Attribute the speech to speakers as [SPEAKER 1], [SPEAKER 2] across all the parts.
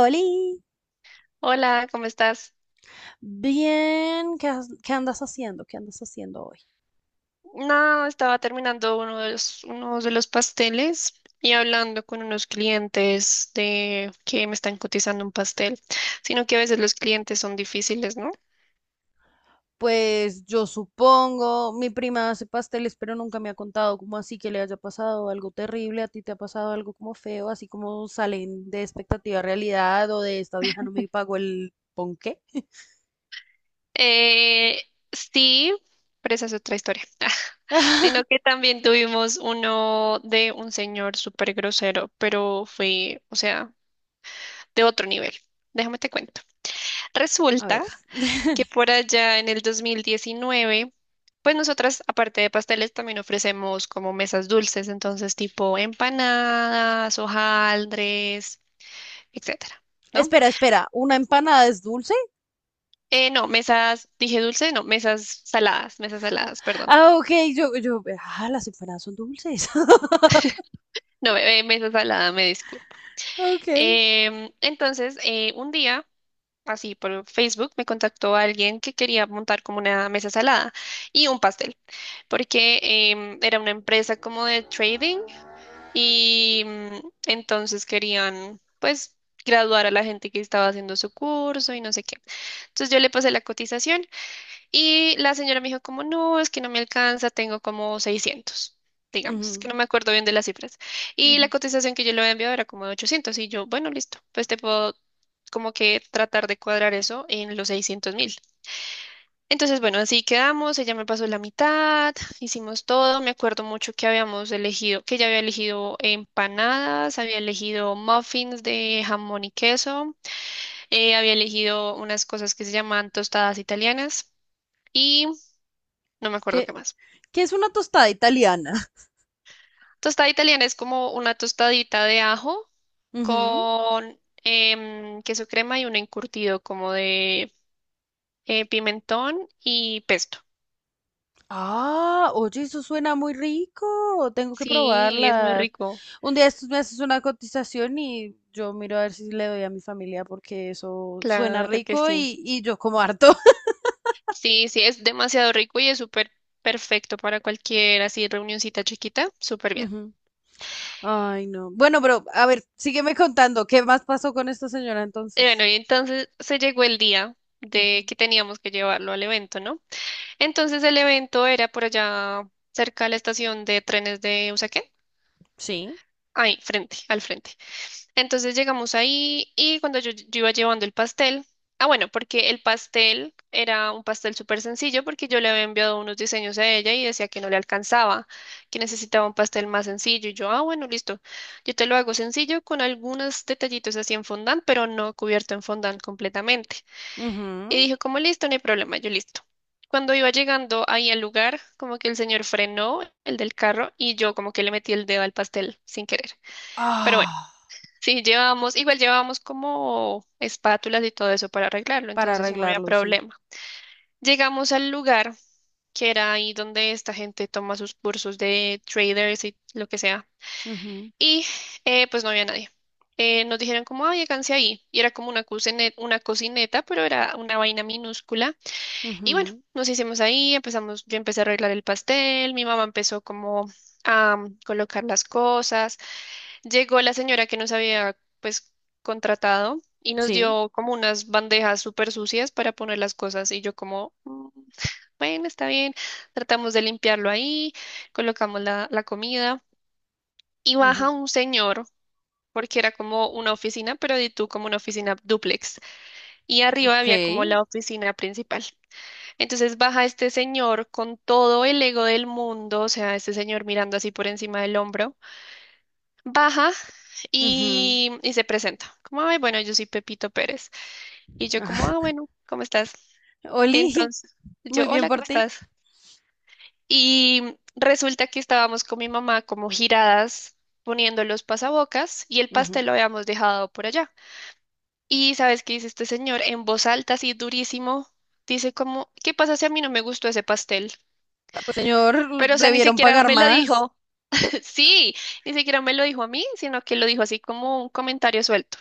[SPEAKER 1] Oli,
[SPEAKER 2] Hola, ¿cómo estás?
[SPEAKER 1] bien, ¿qué, qué andas haciendo? ¿Qué andas haciendo hoy?
[SPEAKER 2] No, estaba terminando unos de los pasteles y hablando con unos clientes de que me están cotizando un pastel, sino que a veces los clientes son difíciles, ¿no?
[SPEAKER 1] Pues yo supongo, mi prima hace pasteles, pero nunca me ha contado cómo así que le haya pasado algo terrible, a ti te ha pasado algo como feo, así como salen de expectativa a realidad o de esta vieja no me pagó el ponqué.
[SPEAKER 2] Eh, sí, pero esa es otra historia. Sino que también tuvimos uno de un señor súper grosero, pero fue, o sea, de otro nivel. Déjame te cuento.
[SPEAKER 1] A ver,
[SPEAKER 2] Resulta que por allá en el 2019, pues nosotras, aparte de pasteles, también ofrecemos como mesas dulces, entonces tipo empanadas, hojaldres, etcétera, ¿no?
[SPEAKER 1] espera, espera, ¿una empanada es dulce?
[SPEAKER 2] No, mesas, dije dulce, no, mesas
[SPEAKER 1] Ah,
[SPEAKER 2] saladas, perdón.
[SPEAKER 1] ah, ok, yo, ah, las empanadas son dulces.
[SPEAKER 2] No, mesa salada, me disculpo.
[SPEAKER 1] Ok.
[SPEAKER 2] Entonces, un día, así por Facebook, me contactó alguien que quería montar como una mesa salada y un pastel, porque era una empresa como de trading y entonces querían, pues, graduar a la gente que estaba haciendo su curso y no sé qué. Entonces yo le pasé la cotización y la señora me dijo como, no, es que no me alcanza, tengo como 600, digamos, es que
[SPEAKER 1] Ujú,
[SPEAKER 2] no me acuerdo bien de las cifras. Y la
[SPEAKER 1] ujú.
[SPEAKER 2] cotización que yo le había enviado era como de 800 y yo, bueno, listo, pues te puedo como que tratar de cuadrar eso en los 600.000. Entonces, bueno, así quedamos, ella me pasó la mitad, hicimos todo, me acuerdo mucho que habíamos elegido, que ella había elegido empanadas, había elegido muffins de jamón y queso, había elegido unas cosas que se llaman tostadas italianas y no me acuerdo qué
[SPEAKER 1] ¿Qué,
[SPEAKER 2] más.
[SPEAKER 1] qué es una tostada italiana?
[SPEAKER 2] Tostada italiana es como una tostadita de ajo
[SPEAKER 1] Ujú.
[SPEAKER 2] con queso crema y un encurtido como de pimentón y pesto.
[SPEAKER 1] Ah, oye, eso suena muy rico. Tengo que
[SPEAKER 2] Sí, es muy
[SPEAKER 1] probarlas.
[SPEAKER 2] rico.
[SPEAKER 1] Un día estos me haces una cotización y yo miro a ver si le doy a mi familia porque eso suena
[SPEAKER 2] Claro que
[SPEAKER 1] rico
[SPEAKER 2] sí.
[SPEAKER 1] y yo como harto.
[SPEAKER 2] Sí, sí, es demasiado rico y es súper perfecto para cualquier así reunioncita chiquita, súper bien.
[SPEAKER 1] Ujú. Ay, no. Bueno, pero a ver, sígueme contando. ¿Qué más pasó con esta señora
[SPEAKER 2] Y
[SPEAKER 1] entonces?
[SPEAKER 2] bueno, y entonces se llegó el día de
[SPEAKER 1] Ujú.
[SPEAKER 2] que teníamos que llevarlo al evento, ¿no? Entonces el evento era por allá cerca de la estación de trenes de Usaquén,
[SPEAKER 1] Sí.
[SPEAKER 2] ahí, frente, al frente. Entonces llegamos ahí y cuando yo iba llevando el pastel, ah, bueno, porque el pastel era un pastel súper sencillo porque yo le había enviado unos diseños a ella y decía que no le alcanzaba, que necesitaba un pastel más sencillo y yo, ah, bueno, listo, yo te lo hago sencillo con algunos detallitos así en fondant, pero no cubierto en fondant completamente. Y
[SPEAKER 1] Ujú.
[SPEAKER 2] dijo, como listo, no hay problema, yo listo. Cuando iba llegando ahí al lugar, como que el señor frenó el del carro y yo como que le metí el dedo al pastel sin querer. Pero bueno.
[SPEAKER 1] Ah,
[SPEAKER 2] Sí, llevamos, igual llevamos como espátulas y todo eso para arreglarlo,
[SPEAKER 1] para
[SPEAKER 2] entonces no había
[SPEAKER 1] arreglarlo, sí.
[SPEAKER 2] problema. Llegamos al lugar que era ahí donde esta gente toma sus cursos de traders y lo que sea.
[SPEAKER 1] Ujú,
[SPEAKER 2] Y pues no había nadie. Nos dijeron como, ay, háganse ahí. Y era como una una cocineta, pero era una vaina minúscula. Y bueno,
[SPEAKER 1] ujú,
[SPEAKER 2] nos hicimos ahí, empezamos, yo empecé a arreglar el pastel, mi mamá empezó como a colocar las cosas. Llegó la señora que nos había pues contratado y nos
[SPEAKER 1] sí.
[SPEAKER 2] dio como unas bandejas súper sucias para poner las cosas y yo como, "Mm, bueno, está bien, tratamos de limpiarlo ahí, colocamos la comida y baja
[SPEAKER 1] Ujú.
[SPEAKER 2] un señor porque era como una oficina, pero de tú como una oficina dúplex y arriba
[SPEAKER 1] Ok.
[SPEAKER 2] había como la oficina principal. Entonces baja este señor con todo el ego del mundo, o sea, este señor mirando así por encima del hombro baja
[SPEAKER 1] Ujú.
[SPEAKER 2] y se presenta. Como, ay, bueno, yo soy Pepito Pérez. Y yo como, ah, bueno, ¿cómo estás?
[SPEAKER 1] Oli,
[SPEAKER 2] Entonces, yo,
[SPEAKER 1] muy bien
[SPEAKER 2] hola,
[SPEAKER 1] por
[SPEAKER 2] ¿cómo
[SPEAKER 1] ti.
[SPEAKER 2] estás? Y resulta que estábamos con mi mamá como giradas poniendo los pasabocas y el pastel
[SPEAKER 1] Ujú.
[SPEAKER 2] lo habíamos dejado por allá. Y ¿sabes qué dice este señor? En voz alta, así durísimo, dice como, ¿qué pasa si a mí no me gustó ese pastel?
[SPEAKER 1] Ah, pues señor,
[SPEAKER 2] Pero, o sea, ni
[SPEAKER 1] debieron
[SPEAKER 2] siquiera
[SPEAKER 1] pagar
[SPEAKER 2] me lo
[SPEAKER 1] más.
[SPEAKER 2] dijo, sí, ni siquiera me lo dijo a mí, sino que lo dijo así como un comentario suelto.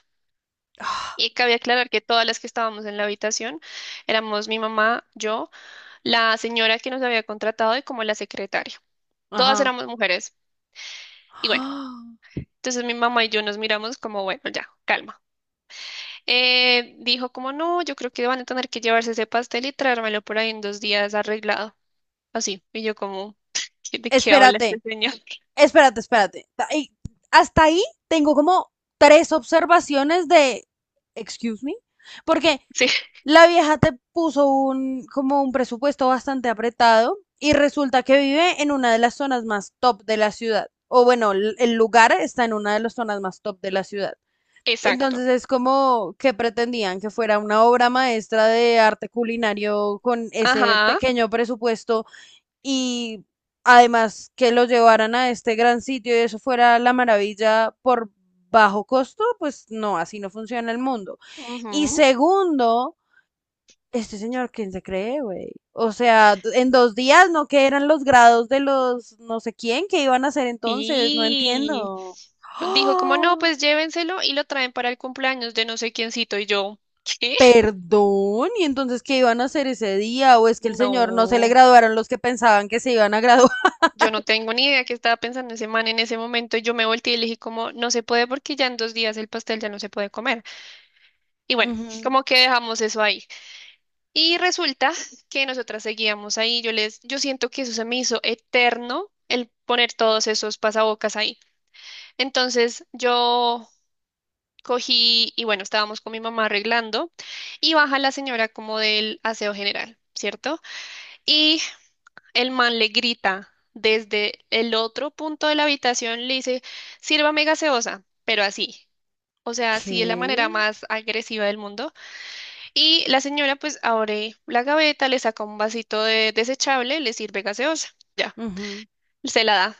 [SPEAKER 1] Ah,
[SPEAKER 2] Y cabe aclarar que todas las que estábamos en la habitación éramos mi mamá, yo, la señora que nos había contratado y como la secretaria. Todas
[SPEAKER 1] ajá.
[SPEAKER 2] éramos mujeres. Y bueno,
[SPEAKER 1] Ah,
[SPEAKER 2] entonces mi mamá y yo nos miramos como, bueno, ya, calma. Dijo como, no, yo creo que van a tener que llevarse ese pastel y traérmelo por ahí en 2 días arreglado. Así. Y yo como, ¿De qué habla
[SPEAKER 1] espérate,
[SPEAKER 2] este señor?
[SPEAKER 1] espérate, espérate. Hasta ahí tengo como tres observaciones de, excuse me, porque
[SPEAKER 2] Sí,
[SPEAKER 1] la vieja te puso un, como un presupuesto bastante apretado y resulta que vive en una de las zonas más top de la ciudad. O bueno, el lugar está en una de las zonas más top de la ciudad.
[SPEAKER 2] exacto.
[SPEAKER 1] Entonces es como que pretendían que fuera una obra maestra de arte culinario con ese
[SPEAKER 2] Ajá.
[SPEAKER 1] pequeño presupuesto y además que lo llevaran a este gran sitio y eso fuera la maravilla por bajo costo, pues no, así no funciona el mundo. Y
[SPEAKER 2] Ujú.
[SPEAKER 1] segundo, este señor, ¿quién se cree, güey? O sea, en 2 días, ¿no?, que eran los grados de los no sé quién que iban a hacer entonces. No
[SPEAKER 2] Sí.
[SPEAKER 1] entiendo.
[SPEAKER 2] Dijo como, no, pues llévenselo y lo traen para el cumpleaños de no sé quiéncito. Y yo, ¿qué?
[SPEAKER 1] Perdón, ¿y entonces qué iban a hacer ese día? ¿O es que el señor no se le
[SPEAKER 2] No,
[SPEAKER 1] graduaron los que pensaban que se iban a graduar?
[SPEAKER 2] yo no tengo ni idea qué estaba pensando ese man en ese momento. Y yo me volteé y le dije como, no se puede porque ya en 2 días el pastel ya no se puede comer. Y bueno,
[SPEAKER 1] Ujú.
[SPEAKER 2] como que dejamos eso ahí. Y resulta que nosotras seguíamos ahí. Yo siento que eso se me hizo eterno, el poner todos esos pasabocas ahí. Entonces yo cogí y bueno, estábamos con mi mamá arreglando y baja la señora como del aseo general, ¿cierto? Y el man le grita desde el otro punto de la habitación, le dice, sírvame gaseosa, pero así. O sea, así de la
[SPEAKER 1] ¿Qué?
[SPEAKER 2] manera más agresiva del mundo. Y la señora pues abre la gaveta, le saca un vasito de desechable, le sirve gaseosa. Ya,
[SPEAKER 1] Ujú.
[SPEAKER 2] se la da.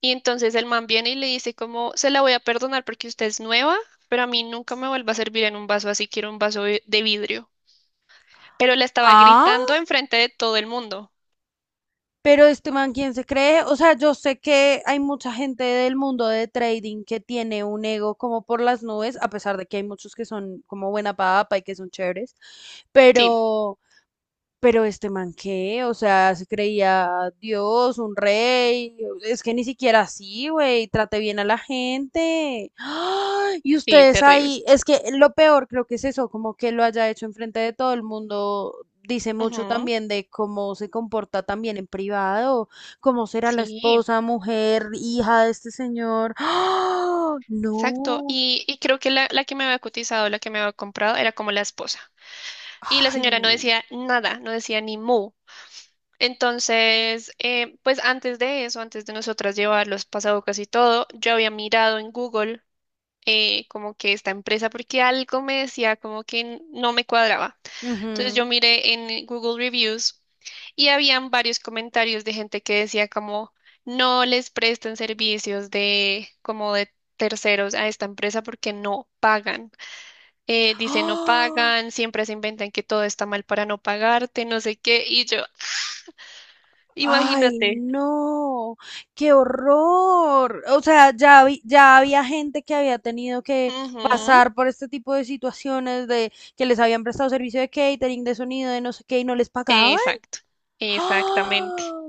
[SPEAKER 2] Y entonces el man viene y le dice como, se la voy a perdonar porque usted es nueva, pero a mí nunca me vuelva a servir en un vaso así, quiero un vaso de vidrio. Pero le estaba
[SPEAKER 1] Ah,
[SPEAKER 2] gritando enfrente de todo el mundo.
[SPEAKER 1] pero este man, ¿quién se cree? O sea, yo sé que hay mucha gente del mundo de trading que tiene un ego como por las nubes, a pesar de que hay muchos que son como buena papa y que son chéveres,
[SPEAKER 2] Sí,
[SPEAKER 1] pero Pero este man qué, o sea, se creía Dios, un rey, es que ni siquiera así, güey, trate bien a la gente. ¡Ah! Y
[SPEAKER 2] sí,
[SPEAKER 1] ustedes
[SPEAKER 2] terrible.
[SPEAKER 1] ahí, es que lo peor creo que es eso, como que lo haya hecho enfrente de todo el mundo, dice mucho
[SPEAKER 2] Ujú.
[SPEAKER 1] también de cómo se comporta también en privado, cómo será la
[SPEAKER 2] Sí,
[SPEAKER 1] esposa, mujer, hija de este señor. ¡Ah!
[SPEAKER 2] exacto.
[SPEAKER 1] No,
[SPEAKER 2] Y creo que la que me había cotizado, la que me había comprado, era como la esposa. Y la
[SPEAKER 1] ay,
[SPEAKER 2] señora no
[SPEAKER 1] no.
[SPEAKER 2] decía nada, no decía ni mu. Entonces, pues antes de eso, antes de nosotras llevar los pasabocas y todo, yo había mirado en Google como que esta empresa porque algo me decía como que no me cuadraba. Entonces
[SPEAKER 1] Ujú.
[SPEAKER 2] yo miré en Google Reviews y habían varios comentarios de gente que decía como no les prestan servicios de como de terceros a esta empresa porque no pagan. Dice no
[SPEAKER 1] ¡Ah!
[SPEAKER 2] pagan, siempre se inventan que todo está mal para no pagarte, no sé qué, y yo,
[SPEAKER 1] Ay,
[SPEAKER 2] imagínate.
[SPEAKER 1] no, qué horror. O sea, ya había gente que había tenido que
[SPEAKER 2] Ujú.
[SPEAKER 1] pasar por este tipo de situaciones de que les habían prestado servicio de catering, de sonido, de no sé qué y no les pagaban.
[SPEAKER 2] Exacto, exactamente.
[SPEAKER 1] ¡Ah!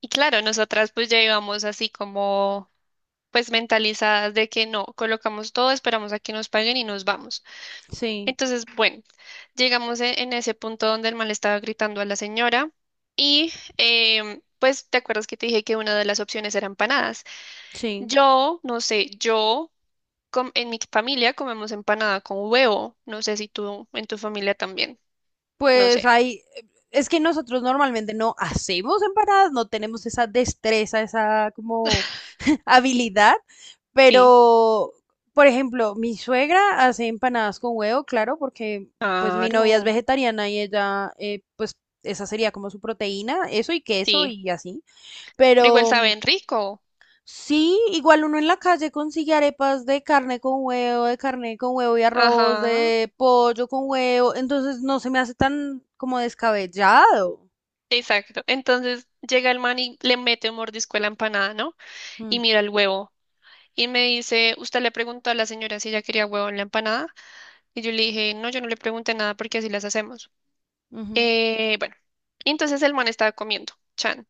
[SPEAKER 2] Y claro, nosotras pues ya íbamos así como pues mentalizadas de que no, colocamos todo, esperamos a que nos paguen y nos vamos.
[SPEAKER 1] Sí,
[SPEAKER 2] Entonces, bueno, llegamos en ese punto donde el man le estaba gritando a la señora y pues te acuerdas que te dije que una de las opciones era empanadas.
[SPEAKER 1] sí.
[SPEAKER 2] Yo, no sé, en mi familia comemos empanada con huevo, no sé si tú en tu familia también, no
[SPEAKER 1] Pues
[SPEAKER 2] sé,
[SPEAKER 1] ahí, es que nosotros normalmente no hacemos empanadas, no tenemos esa destreza, esa como habilidad,
[SPEAKER 2] sí,
[SPEAKER 1] pero, por ejemplo, mi suegra hace empanadas con huevo, claro, porque pues mi novia es
[SPEAKER 2] claro,
[SPEAKER 1] vegetariana y ella, pues esa sería como su proteína, eso y queso
[SPEAKER 2] sí,
[SPEAKER 1] y así.
[SPEAKER 2] pero igual
[SPEAKER 1] Pero mm,
[SPEAKER 2] saben rico,
[SPEAKER 1] sí, igual uno en la calle consigue arepas de carne con huevo, de carne con huevo y arroz,
[SPEAKER 2] ajá.
[SPEAKER 1] de pollo con huevo, entonces no se me hace tan como descabellado.
[SPEAKER 2] Exacto. Entonces llega el man y le mete un mordisco a la empanada, ¿no? Y
[SPEAKER 1] Mm,
[SPEAKER 2] mira el huevo. Y me dice, usted le preguntó a la señora si ella quería huevo en la empanada. Y yo le dije, no, yo no le pregunté nada porque así las hacemos.
[SPEAKER 1] ujú,
[SPEAKER 2] Bueno, y entonces el man estaba comiendo, Chan.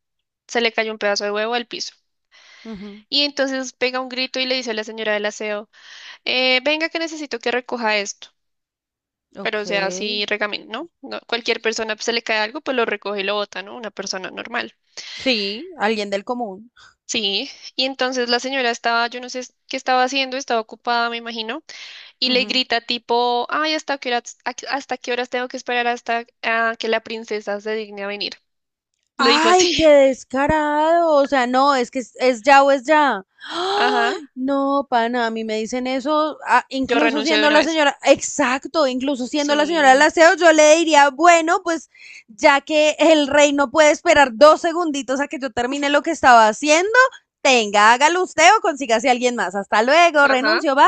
[SPEAKER 2] Se le cayó un pedazo de huevo al piso.
[SPEAKER 1] ujú,
[SPEAKER 2] Y entonces pega un grito y le dice a la señora del aseo, venga que necesito que recoja esto. Pero
[SPEAKER 1] ok.
[SPEAKER 2] o sea, así regamen, ¿no? No, cualquier persona pues, se le cae algo, pues lo recoge y lo bota, ¿no? Una persona normal.
[SPEAKER 1] Sí, alguien del común.
[SPEAKER 2] Sí, y entonces la señora estaba, yo no sé qué estaba haciendo, estaba ocupada, me imagino y le grita tipo, ay, ¿hasta qué horas, hasta qué horas tengo que esperar hasta que la princesa se digne a venir? Le dijo
[SPEAKER 1] Ay,
[SPEAKER 2] así,
[SPEAKER 1] qué descarado. O sea, no, es que es ya o es ya.
[SPEAKER 2] ajá,
[SPEAKER 1] Ay, no, pana, a mí me dicen eso, ah,
[SPEAKER 2] yo
[SPEAKER 1] incluso
[SPEAKER 2] renuncio de
[SPEAKER 1] siendo
[SPEAKER 2] una
[SPEAKER 1] la
[SPEAKER 2] vez.
[SPEAKER 1] señora, exacto, incluso siendo la señora del
[SPEAKER 2] Sí,
[SPEAKER 1] aseo, yo le diría, bueno, pues ya que el rey no puede esperar 2 segunditos a que yo termine lo que estaba haciendo, tenga, hágalo usted o consígase a alguien más. Hasta luego,
[SPEAKER 2] ajá,
[SPEAKER 1] renuncio, bye.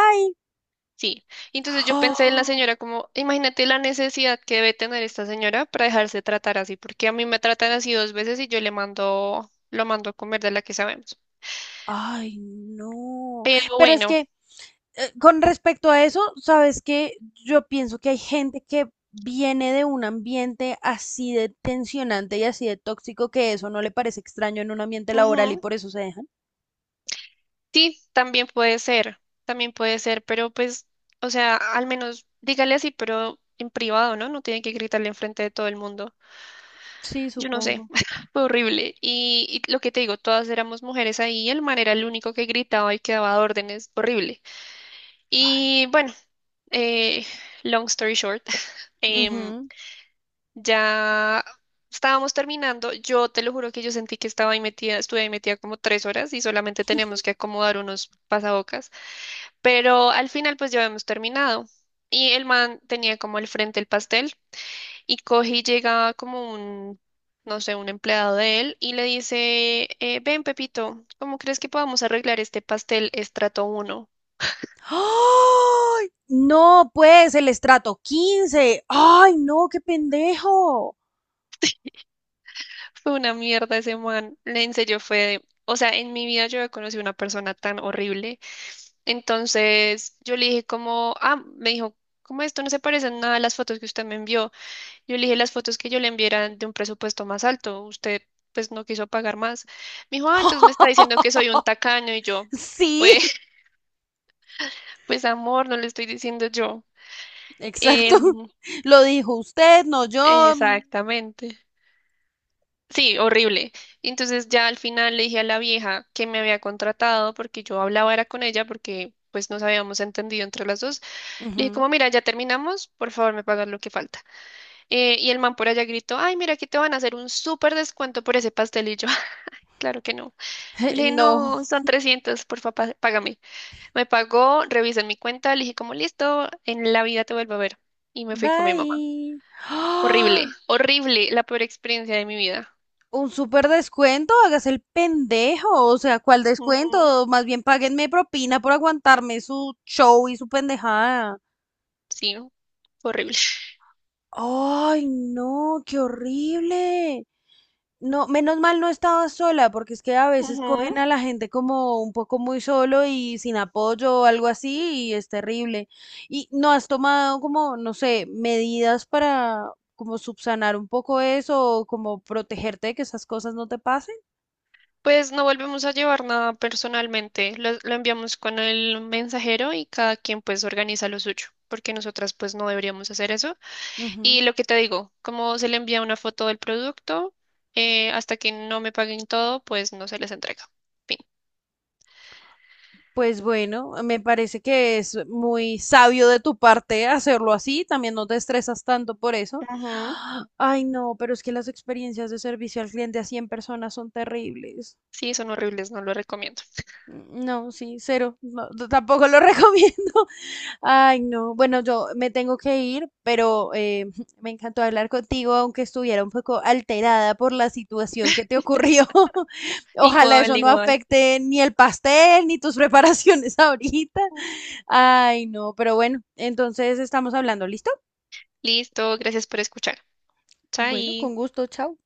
[SPEAKER 2] sí. Entonces yo pensé en la señora como, imagínate la necesidad que debe tener esta señora para dejarse tratar así, porque a mí me tratan así dos veces y yo le mando, lo mando a comer de la que sabemos.
[SPEAKER 1] Oh, ay, no.
[SPEAKER 2] Pero
[SPEAKER 1] Pero es
[SPEAKER 2] bueno,
[SPEAKER 1] que con respecto a eso, sabes que yo pienso que hay gente que viene de un ambiente así de tensionante y así de tóxico que eso no le parece extraño en un ambiente laboral y
[SPEAKER 2] ujú,
[SPEAKER 1] por eso se dejan.
[SPEAKER 2] sí, también puede ser, pero pues, o sea, al menos dígale así, pero en privado, ¿no? No tiene que gritarle enfrente de todo el mundo.
[SPEAKER 1] Sí,
[SPEAKER 2] Yo no sé,
[SPEAKER 1] supongo.
[SPEAKER 2] fue horrible. Y lo que te digo, todas éramos mujeres ahí, y el man era el único que gritaba y que daba órdenes, horrible.
[SPEAKER 1] Ay.
[SPEAKER 2] Y bueno, eh, long story short, em,
[SPEAKER 1] Ujú.
[SPEAKER 2] ya estábamos terminando, yo te lo juro que yo sentí que estaba ahí metida, estuve ahí metida como 3 horas y solamente tenemos que acomodar unos pasabocas. Pero al final pues ya habíamos terminado. Y el man tenía como el frente el pastel y coge y llega como un, no sé, un empleado de él y le dice, ven Pepito, ¿cómo crees que podamos arreglar este pastel estrato uno?
[SPEAKER 1] ¡Ay! No, pues el estrato 15. Ay, no, qué pendejo.
[SPEAKER 2] Fue una mierda ese man. En serio fue, o sea, en mi vida yo he conocido una persona tan horrible. Entonces yo le dije como, ah, me dijo, ¿cómo esto no se parece en nada a las fotos que usted me envió? Yo le dije las fotos que yo le enviara de un presupuesto más alto. Usted pues no quiso pagar más. Me dijo, ah, entonces me está diciendo que soy un tacaño y yo,
[SPEAKER 1] Sí,
[SPEAKER 2] pues, pues amor, no le estoy diciendo yo. Em,
[SPEAKER 1] exacto. Lo dijo usted, no yo.
[SPEAKER 2] Exactamente. Sí, horrible. Entonces ya al final le dije a la vieja que me había contratado porque yo hablaba era con ella porque pues nos habíamos entendido entre las dos. Le dije
[SPEAKER 1] Ujú.
[SPEAKER 2] como, mira, ya terminamos, por favor me pagas lo que falta. Y el man por allá gritó, ay, mira, aquí te van a hacer un súper descuento por ese pastelillo. Claro que no. Yo le dije,
[SPEAKER 1] No.
[SPEAKER 2] no, son 300 por favor, págame. Me pagó, revisó en mi cuenta, le dije, como listo, en la vida te vuelvo a ver. Y me fui con mi mamá.
[SPEAKER 1] Bye.
[SPEAKER 2] Horrible, horrible, la peor experiencia de mi vida.
[SPEAKER 1] Un súper descuento, hágase el pendejo. O sea, ¿cuál
[SPEAKER 2] Ujú.
[SPEAKER 1] descuento? Más bien páguenme propina por aguantarme su show y su pendejada.
[SPEAKER 2] Sí, fue horrible.
[SPEAKER 1] Ay, no, qué horrible. No, menos mal no estaba sola, porque es que a veces
[SPEAKER 2] Ujú.
[SPEAKER 1] cogen a la gente como un poco muy solo y sin apoyo o algo así, y es terrible. ¿Y no has tomado como, no sé, medidas para como subsanar un poco eso o como protegerte de que esas cosas no te pasen?
[SPEAKER 2] Pues no volvemos a llevar nada personalmente, lo enviamos con el mensajero y cada quien pues organiza lo suyo, porque nosotras pues no deberíamos hacer eso. Y
[SPEAKER 1] Ujú.
[SPEAKER 2] lo que te digo, como se le envía una foto del producto, hasta que no me paguen todo, pues no se les entrega. Fin.
[SPEAKER 1] Pues bueno, me parece que es muy sabio de tu parte hacerlo así, también no te estresas tanto por eso.
[SPEAKER 2] Ujú.
[SPEAKER 1] Ay, no, pero es que las experiencias de servicio al cliente a 100 personas son terribles.
[SPEAKER 2] Sí, son horribles, no lo recomiendo.
[SPEAKER 1] No, sí, cero, no, tampoco lo recomiendo. Ay, no, bueno, yo me tengo que ir, pero me encantó hablar contigo, aunque estuviera un poco alterada por la situación que te ocurrió. Ojalá
[SPEAKER 2] Igual,
[SPEAKER 1] eso no
[SPEAKER 2] igual.
[SPEAKER 1] afecte ni el pastel ni tus preparaciones ahorita. Ay, no, pero bueno, entonces estamos hablando, ¿listo?
[SPEAKER 2] Listo, gracias por escuchar.
[SPEAKER 1] Bueno,
[SPEAKER 2] Chai.
[SPEAKER 1] con gusto, chao.